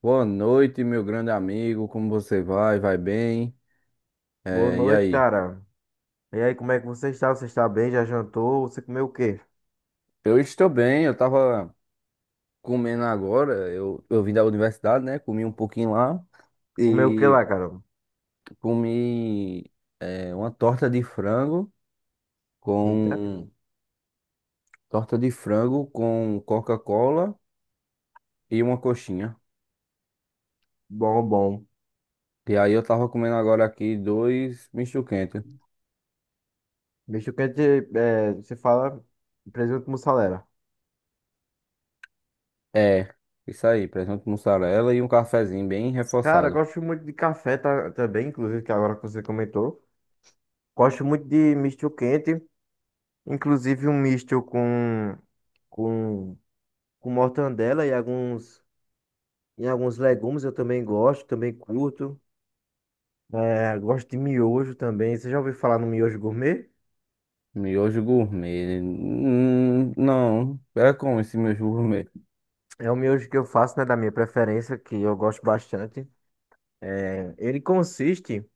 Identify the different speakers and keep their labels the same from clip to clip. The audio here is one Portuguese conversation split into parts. Speaker 1: Boa noite, meu grande amigo. Como você vai? Vai bem?
Speaker 2: Boa
Speaker 1: É, e
Speaker 2: noite,
Speaker 1: aí?
Speaker 2: cara. E aí, como é que você está? Você está bem? Já jantou? Você comeu o quê?
Speaker 1: Eu estou bem. Eu estava comendo agora. Eu vim da universidade, né? Comi um pouquinho lá
Speaker 2: Comeu o quê
Speaker 1: e
Speaker 2: lá, cara?
Speaker 1: comi uma
Speaker 2: Eita,
Speaker 1: com torta de frango com Coca-Cola e uma coxinha.
Speaker 2: bom, bom.
Speaker 1: E aí eu estava comendo agora aqui dois misto quente.
Speaker 2: Bicho quente, você fala presunto mussarela.
Speaker 1: É, isso aí. Presunto mussarela e um cafezinho bem
Speaker 2: Cara, eu
Speaker 1: reforçado.
Speaker 2: gosto muito de café tá, também, inclusive, que agora que você comentou. Gosto muito de misto quente, inclusive um misto com, com mortandela e alguns legumes eu também gosto, também curto. Gosto de miojo também. Você já ouviu falar no miojo gourmet?
Speaker 1: Miojo gourmet. Não, é como esse miojo gourmet?
Speaker 2: É o miojo que eu faço, né, da minha preferência, que eu gosto bastante. Ele consiste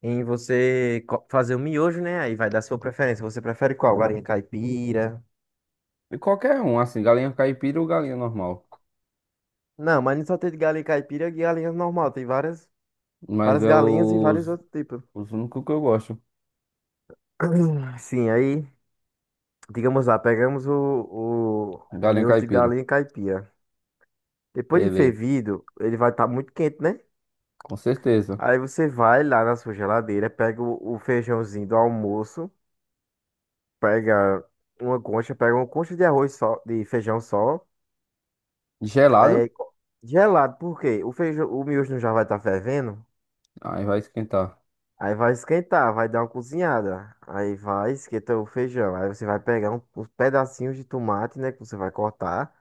Speaker 2: em fazer o miojo, né? Aí vai dar sua preferência. Você prefere qual? Galinha caipira?
Speaker 1: E qualquer um, assim, galinha caipira ou galinha normal.
Speaker 2: Não, mas não só tem de galinha caipira e galinha normal. Tem várias,
Speaker 1: Mas
Speaker 2: várias
Speaker 1: é
Speaker 2: galinhas e vários outros tipos.
Speaker 1: os únicos que eu gosto.
Speaker 2: Sim, aí, digamos lá, pegamos o
Speaker 1: Galinha
Speaker 2: miojo de
Speaker 1: caipira.
Speaker 2: galinha caipira. Depois de
Speaker 1: Beleza,
Speaker 2: fervido, ele vai estar muito quente, né?
Speaker 1: com certeza.
Speaker 2: Aí você vai lá na sua geladeira, pega o feijãozinho do almoço. Pega pega uma concha de arroz só, de feijão só,
Speaker 1: Gelado?
Speaker 2: é, co- gelado, por quê? O feijão, o miojo não já vai estar fervendo?
Speaker 1: Aí vai esquentar.
Speaker 2: Aí vai esquentar, vai dar uma cozinhada. Aí vai esquentar o feijão. Aí você vai pegar uns pedacinhos de tomate, né? Que você vai cortar.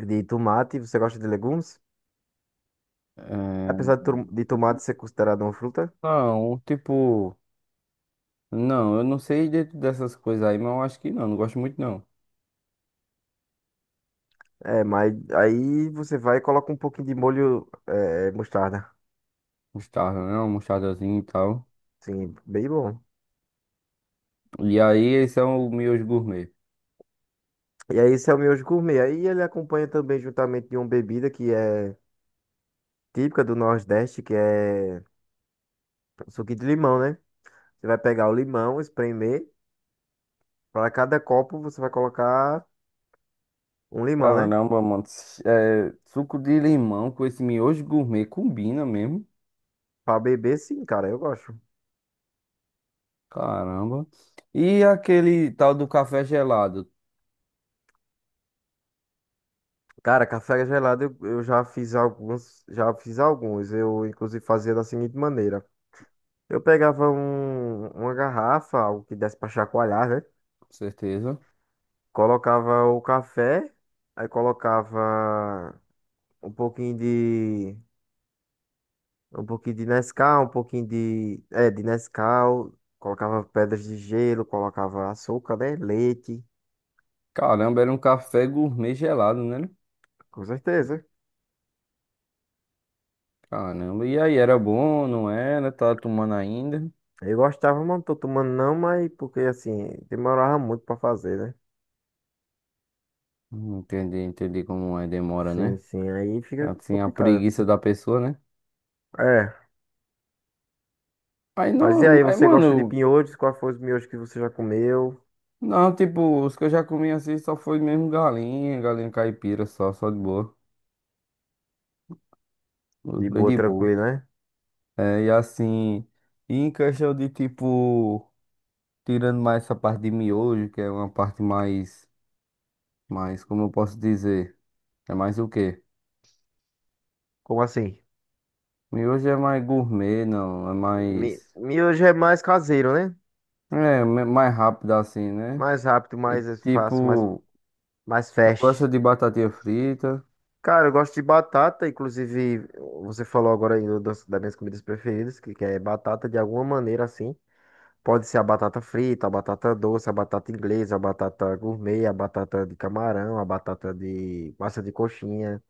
Speaker 2: De tomate, você gosta de legumes?
Speaker 1: É,
Speaker 2: Apesar de, de tomate ser considerado uma fruta.
Speaker 1: não, tipo. Não, eu não sei dessas coisas aí, mas eu acho que não, não gosto muito não.
Speaker 2: É, mas aí você vai e coloca um pouquinho de molho, é, mostarda.
Speaker 1: Mostarda, né? Uma mostardazinha e tal.
Speaker 2: Sim, bem bom.
Speaker 1: E aí, esse é o miojo gourmet.
Speaker 2: E aí, esse é o miojo gourmet. Aí ele acompanha também juntamente de uma bebida que é típica do Nordeste, que é o suco de limão, né? Você vai pegar o limão, espremer. Para cada copo você vai colocar um limão, né?
Speaker 1: Caramba, mano. Suco de limão com esse miojo gourmet combina mesmo.
Speaker 2: Para beber, sim, cara, eu gosto.
Speaker 1: Caramba. E aquele tal do café gelado,
Speaker 2: Cara, café gelado eu já fiz alguns, já fiz alguns. Eu inclusive fazia da seguinte maneira. Eu pegava uma garrafa, algo que desse para chacoalhar, né?
Speaker 1: com certeza.
Speaker 2: Colocava o café, aí colocava um pouquinho de um pouquinho de Nescau, um pouquinho de. É, de Nescau. Colocava pedras de gelo, colocava açúcar, né? Leite.
Speaker 1: Caramba, era um café gourmet gelado, né?
Speaker 2: Com certeza.
Speaker 1: Caramba. E aí, era bom, não era? Tá tomando ainda?
Speaker 2: Eu gostava, mas não tô tomando não, mas porque assim, demorava muito pra fazer, né?
Speaker 1: Entendi, entendi como é, demora,
Speaker 2: Sim,
Speaker 1: né?
Speaker 2: sim, aí
Speaker 1: É
Speaker 2: fica
Speaker 1: assim, a
Speaker 2: complicado.
Speaker 1: preguiça da pessoa, né?
Speaker 2: É,
Speaker 1: Aí
Speaker 2: mas e
Speaker 1: não,
Speaker 2: aí,
Speaker 1: mas
Speaker 2: você gosta de
Speaker 1: mano,
Speaker 2: pinhões? Qual foi os miojos que você já comeu?
Speaker 1: não, tipo, os que eu já comi assim só foi mesmo galinha, galinha caipira, só, só de boa.
Speaker 2: De
Speaker 1: Bem
Speaker 2: boa,
Speaker 1: de boa.
Speaker 2: tranquilo, né?
Speaker 1: É, e assim, e em questão de tipo, tirando mais essa parte de miojo, que é uma parte mais, como eu posso dizer, é mais o quê?
Speaker 2: Como assim?
Speaker 1: Miojo é mais gourmet, não, é mais,
Speaker 2: Miojo é mais caseiro, né?
Speaker 1: mais rápido assim, né?
Speaker 2: Mais rápido,
Speaker 1: E
Speaker 2: mais fácil, mais,
Speaker 1: tipo,
Speaker 2: mais
Speaker 1: eu gosto
Speaker 2: fast.
Speaker 1: de batatinha frita,
Speaker 2: Cara, eu gosto de batata, inclusive você falou agora aí das minhas comidas preferidas, que é batata de alguma maneira assim. Pode ser a batata frita, a batata doce, a batata inglesa, a batata gourmet, a batata de camarão, a batata de massa de coxinha.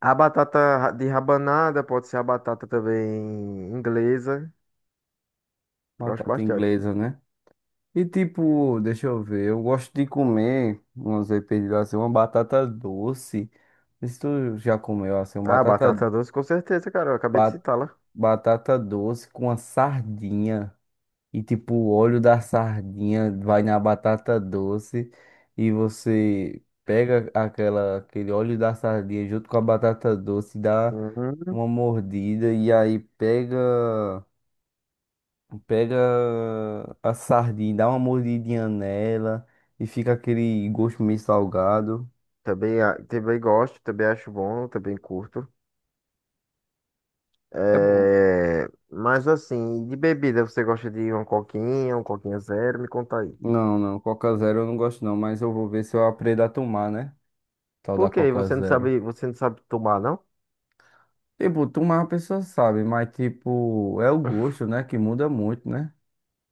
Speaker 2: A batata de rabanada pode ser a batata também inglesa. Gosto
Speaker 1: batata
Speaker 2: bastante.
Speaker 1: inglesa, né? E tipo, deixa eu ver, eu gosto de comer, vamos dizer, pedido assim, uma batata doce. Isso tu já comeu assim, uma
Speaker 2: Ah,
Speaker 1: batata,
Speaker 2: batata doce, com certeza, cara. Eu acabei de citá-la.
Speaker 1: batata doce com a sardinha. E tipo, o óleo da sardinha vai na batata doce. E você pega aquela, aquele óleo da sardinha junto com a batata doce, dá
Speaker 2: Uhum.
Speaker 1: uma mordida. E aí pega a sardinha, dá uma mordidinha nela. E fica aquele gosto meio salgado.
Speaker 2: Também, também gosto, também acho bom, também curto.
Speaker 1: É bom.
Speaker 2: É, mas assim, de bebida, você gosta de uma coquinha, um coquinha zero? Me conta aí.
Speaker 1: Não, não, Coca Zero eu não gosto não, mas eu vou ver se eu aprendo a tomar, né? Tal da
Speaker 2: Por quê?
Speaker 1: Coca Zero.
Speaker 2: Você não sabe tomar, não?
Speaker 1: Tipo, tu mais a pessoa sabe, mas tipo, é o gosto, né? Que muda muito, né?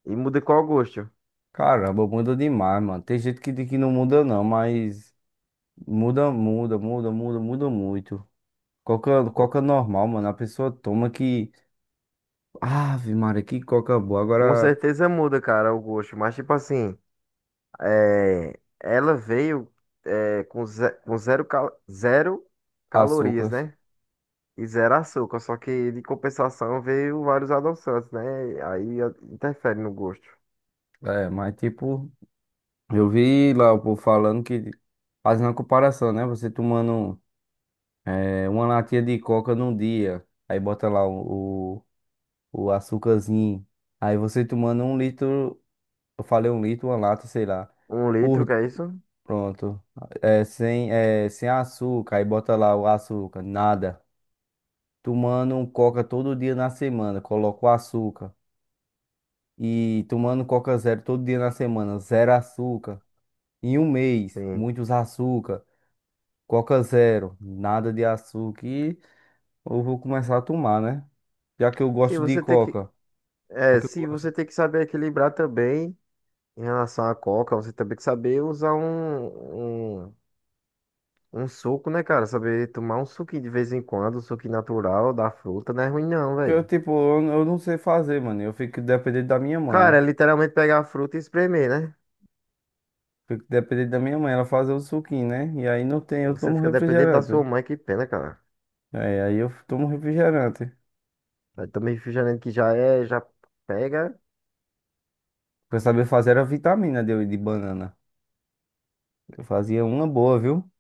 Speaker 2: E muda qual gosto?
Speaker 1: Caramba, muda demais, mano. Tem gente que diz que não muda não, mas muda, muda, muda, muda, muda muito. Coca,
Speaker 2: Co-
Speaker 1: coca normal, mano. A pessoa toma que. Ave Maria, que coca boa.
Speaker 2: Com
Speaker 1: Agora
Speaker 2: certeza muda, cara, o gosto. Mas tipo assim, ela veio com zero, zero calorias,
Speaker 1: açúcar.
Speaker 2: né? E zero açúcar. Só que de compensação veio vários adoçantes, né? Aí interfere no gosto.
Speaker 1: É, mas tipo, eu vi lá o povo falando que. Fazendo a comparação, né? Você tomando é, uma latinha de coca num dia. Aí bota lá o açúcarzinho. Aí você tomando um litro, eu falei um litro, uma lata, sei lá.
Speaker 2: Um litro,
Speaker 1: Por,
Speaker 2: que é isso?
Speaker 1: Pronto. Sem açúcar, aí bota lá o açúcar, nada. Tomando um coca todo dia na semana, coloca o açúcar. E tomando coca zero todo dia na semana, zero açúcar. Em um mês,
Speaker 2: Sim.
Speaker 1: muitos açúcar. Coca zero, nada de açúcar. E eu vou começar a tomar, né? Já que eu
Speaker 2: Sim,
Speaker 1: gosto de
Speaker 2: você tem que
Speaker 1: coca. Já
Speaker 2: É,
Speaker 1: que eu
Speaker 2: se você
Speaker 1: gosto.
Speaker 2: tem que saber equilibrar também em relação à coca, você também tem que saber usar um suco, né, cara? Saber tomar um suquinho de vez em quando, um suquinho natural da fruta, não é ruim não,
Speaker 1: Porque eu,
Speaker 2: velho.
Speaker 1: tipo, eu não sei fazer, mano. Eu fico dependente da minha
Speaker 2: Cara,
Speaker 1: mãe.
Speaker 2: é literalmente pegar a fruta e espremer, né?
Speaker 1: Fico dependente da minha mãe, ela fazer o suquinho, né? E aí não tem, eu
Speaker 2: Você
Speaker 1: tomo
Speaker 2: fica dependente da sua
Speaker 1: refrigerante.
Speaker 2: mãe, que pena, cara.
Speaker 1: Aí eu tomo refrigerante. O
Speaker 2: Aí também refrigerante que já é, já pega.
Speaker 1: que eu sabia fazer era vitamina de banana. Eu fazia uma boa, viu?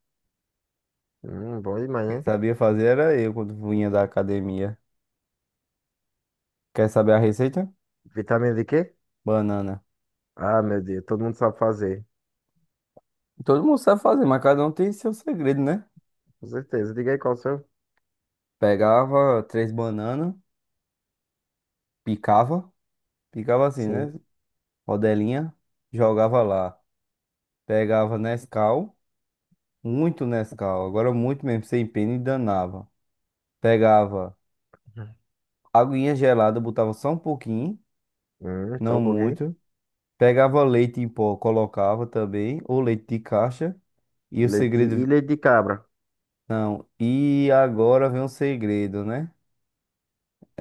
Speaker 2: Bom demais,
Speaker 1: Quem
Speaker 2: né?
Speaker 1: sabia fazer era eu quando vinha da academia. Quer saber a receita?
Speaker 2: Vitamina de quê?
Speaker 1: Banana.
Speaker 2: Ah, meu Deus, todo mundo sabe fazer.
Speaker 1: Todo mundo sabe fazer, mas cada um tem seu segredo, né?
Speaker 2: Com certeza. Diga aí qual o seu.
Speaker 1: Pegava três bananas, picava, picava assim,
Speaker 2: Sim.
Speaker 1: né? Rodelinha, jogava lá. Pegava Nescau. Muito Nescau, agora muito mesmo, sem pena e danava. Pegava aguinha gelada, botava só um pouquinho,
Speaker 2: Só
Speaker 1: não
Speaker 2: um pouquinho.
Speaker 1: muito. Pegava leite em pó, colocava também, ou leite de caixa. E o
Speaker 2: Leite e
Speaker 1: segredo,
Speaker 2: leite de cabra.
Speaker 1: não, e agora vem um segredo, né?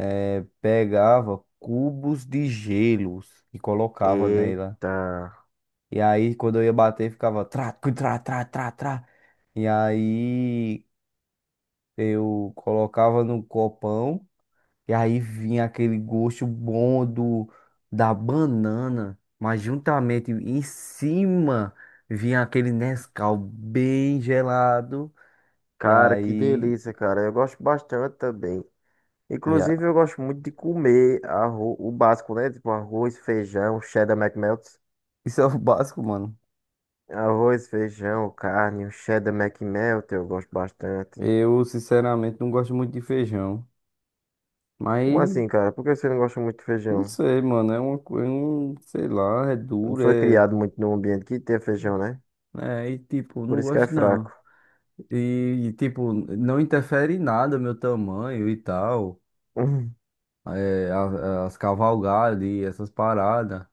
Speaker 1: É, pegava cubos de gelos e colocava nela.
Speaker 2: Eita,
Speaker 1: E aí, quando eu ia bater, ficava trá, cu, trá, trá, trá, trá. E aí, eu colocava no copão. E aí vinha aquele gosto bom do, da banana, mas juntamente em cima vinha aquele Nescau bem gelado. E
Speaker 2: cara, que
Speaker 1: aí,
Speaker 2: delícia, cara. Eu gosto bastante também.
Speaker 1: yeah.
Speaker 2: Inclusive, eu gosto muito de comer o básico, né? Tipo arroz, feijão, cheddar McMelt.
Speaker 1: Isso é o básico, mano.
Speaker 2: Arroz, feijão, carne, o cheddar McMelt, eu gosto bastante.
Speaker 1: Eu, sinceramente, não gosto muito de feijão.
Speaker 2: Como
Speaker 1: Mas,
Speaker 2: assim, cara? Por que você não gosta muito de
Speaker 1: não
Speaker 2: feijão?
Speaker 1: sei, mano. É uma coisa, sei lá, é
Speaker 2: Não
Speaker 1: duro,
Speaker 2: foi
Speaker 1: é.
Speaker 2: criado muito num ambiente que tem feijão, né?
Speaker 1: É, e tipo,
Speaker 2: Por
Speaker 1: não
Speaker 2: isso que é
Speaker 1: gosto
Speaker 2: fraco.
Speaker 1: não. E, tipo, não interfere em nada meu tamanho e tal.
Speaker 2: Hum,
Speaker 1: As cavalgadas e essas paradas.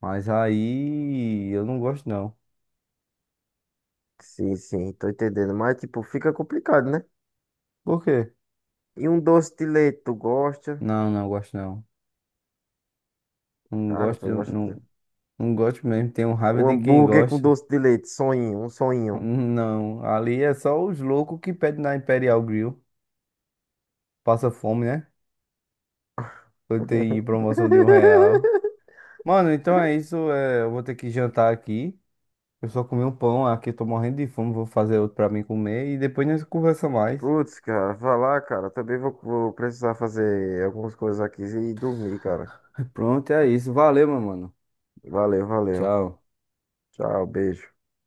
Speaker 1: Mas aí eu não gosto não.
Speaker 2: sim, sim, tô entendendo. Mas, tipo, fica complicado, né?
Speaker 1: Por quê?
Speaker 2: E um doce de leite, tu gosta?
Speaker 1: Não, não gosto não. Não
Speaker 2: Cara,
Speaker 1: gosto,
Speaker 2: tu não gosta.
Speaker 1: não, não gosto mesmo. Tenho raiva
Speaker 2: Um
Speaker 1: de quem
Speaker 2: hambúrguer com
Speaker 1: gosta.
Speaker 2: doce de leite, sonhinho, um sonhinho.
Speaker 1: Não, ali é só os loucos que pedem na Imperial Grill. Passa fome, né? Eu tenho promoção de R$ 1. Mano, então é isso. Eu vou ter que jantar aqui. Eu só comi um pão aqui, eu tô morrendo de fome. Vou fazer outro pra mim comer e depois nós conversa mais.
Speaker 2: Putz, cara, vai lá, cara. Também vou, vou precisar fazer algumas coisas aqui e dormir, cara.
Speaker 1: Pronto, é isso. Valeu, meu mano.
Speaker 2: Valeu, valeu.
Speaker 1: Tchau.
Speaker 2: Tchau, beijo.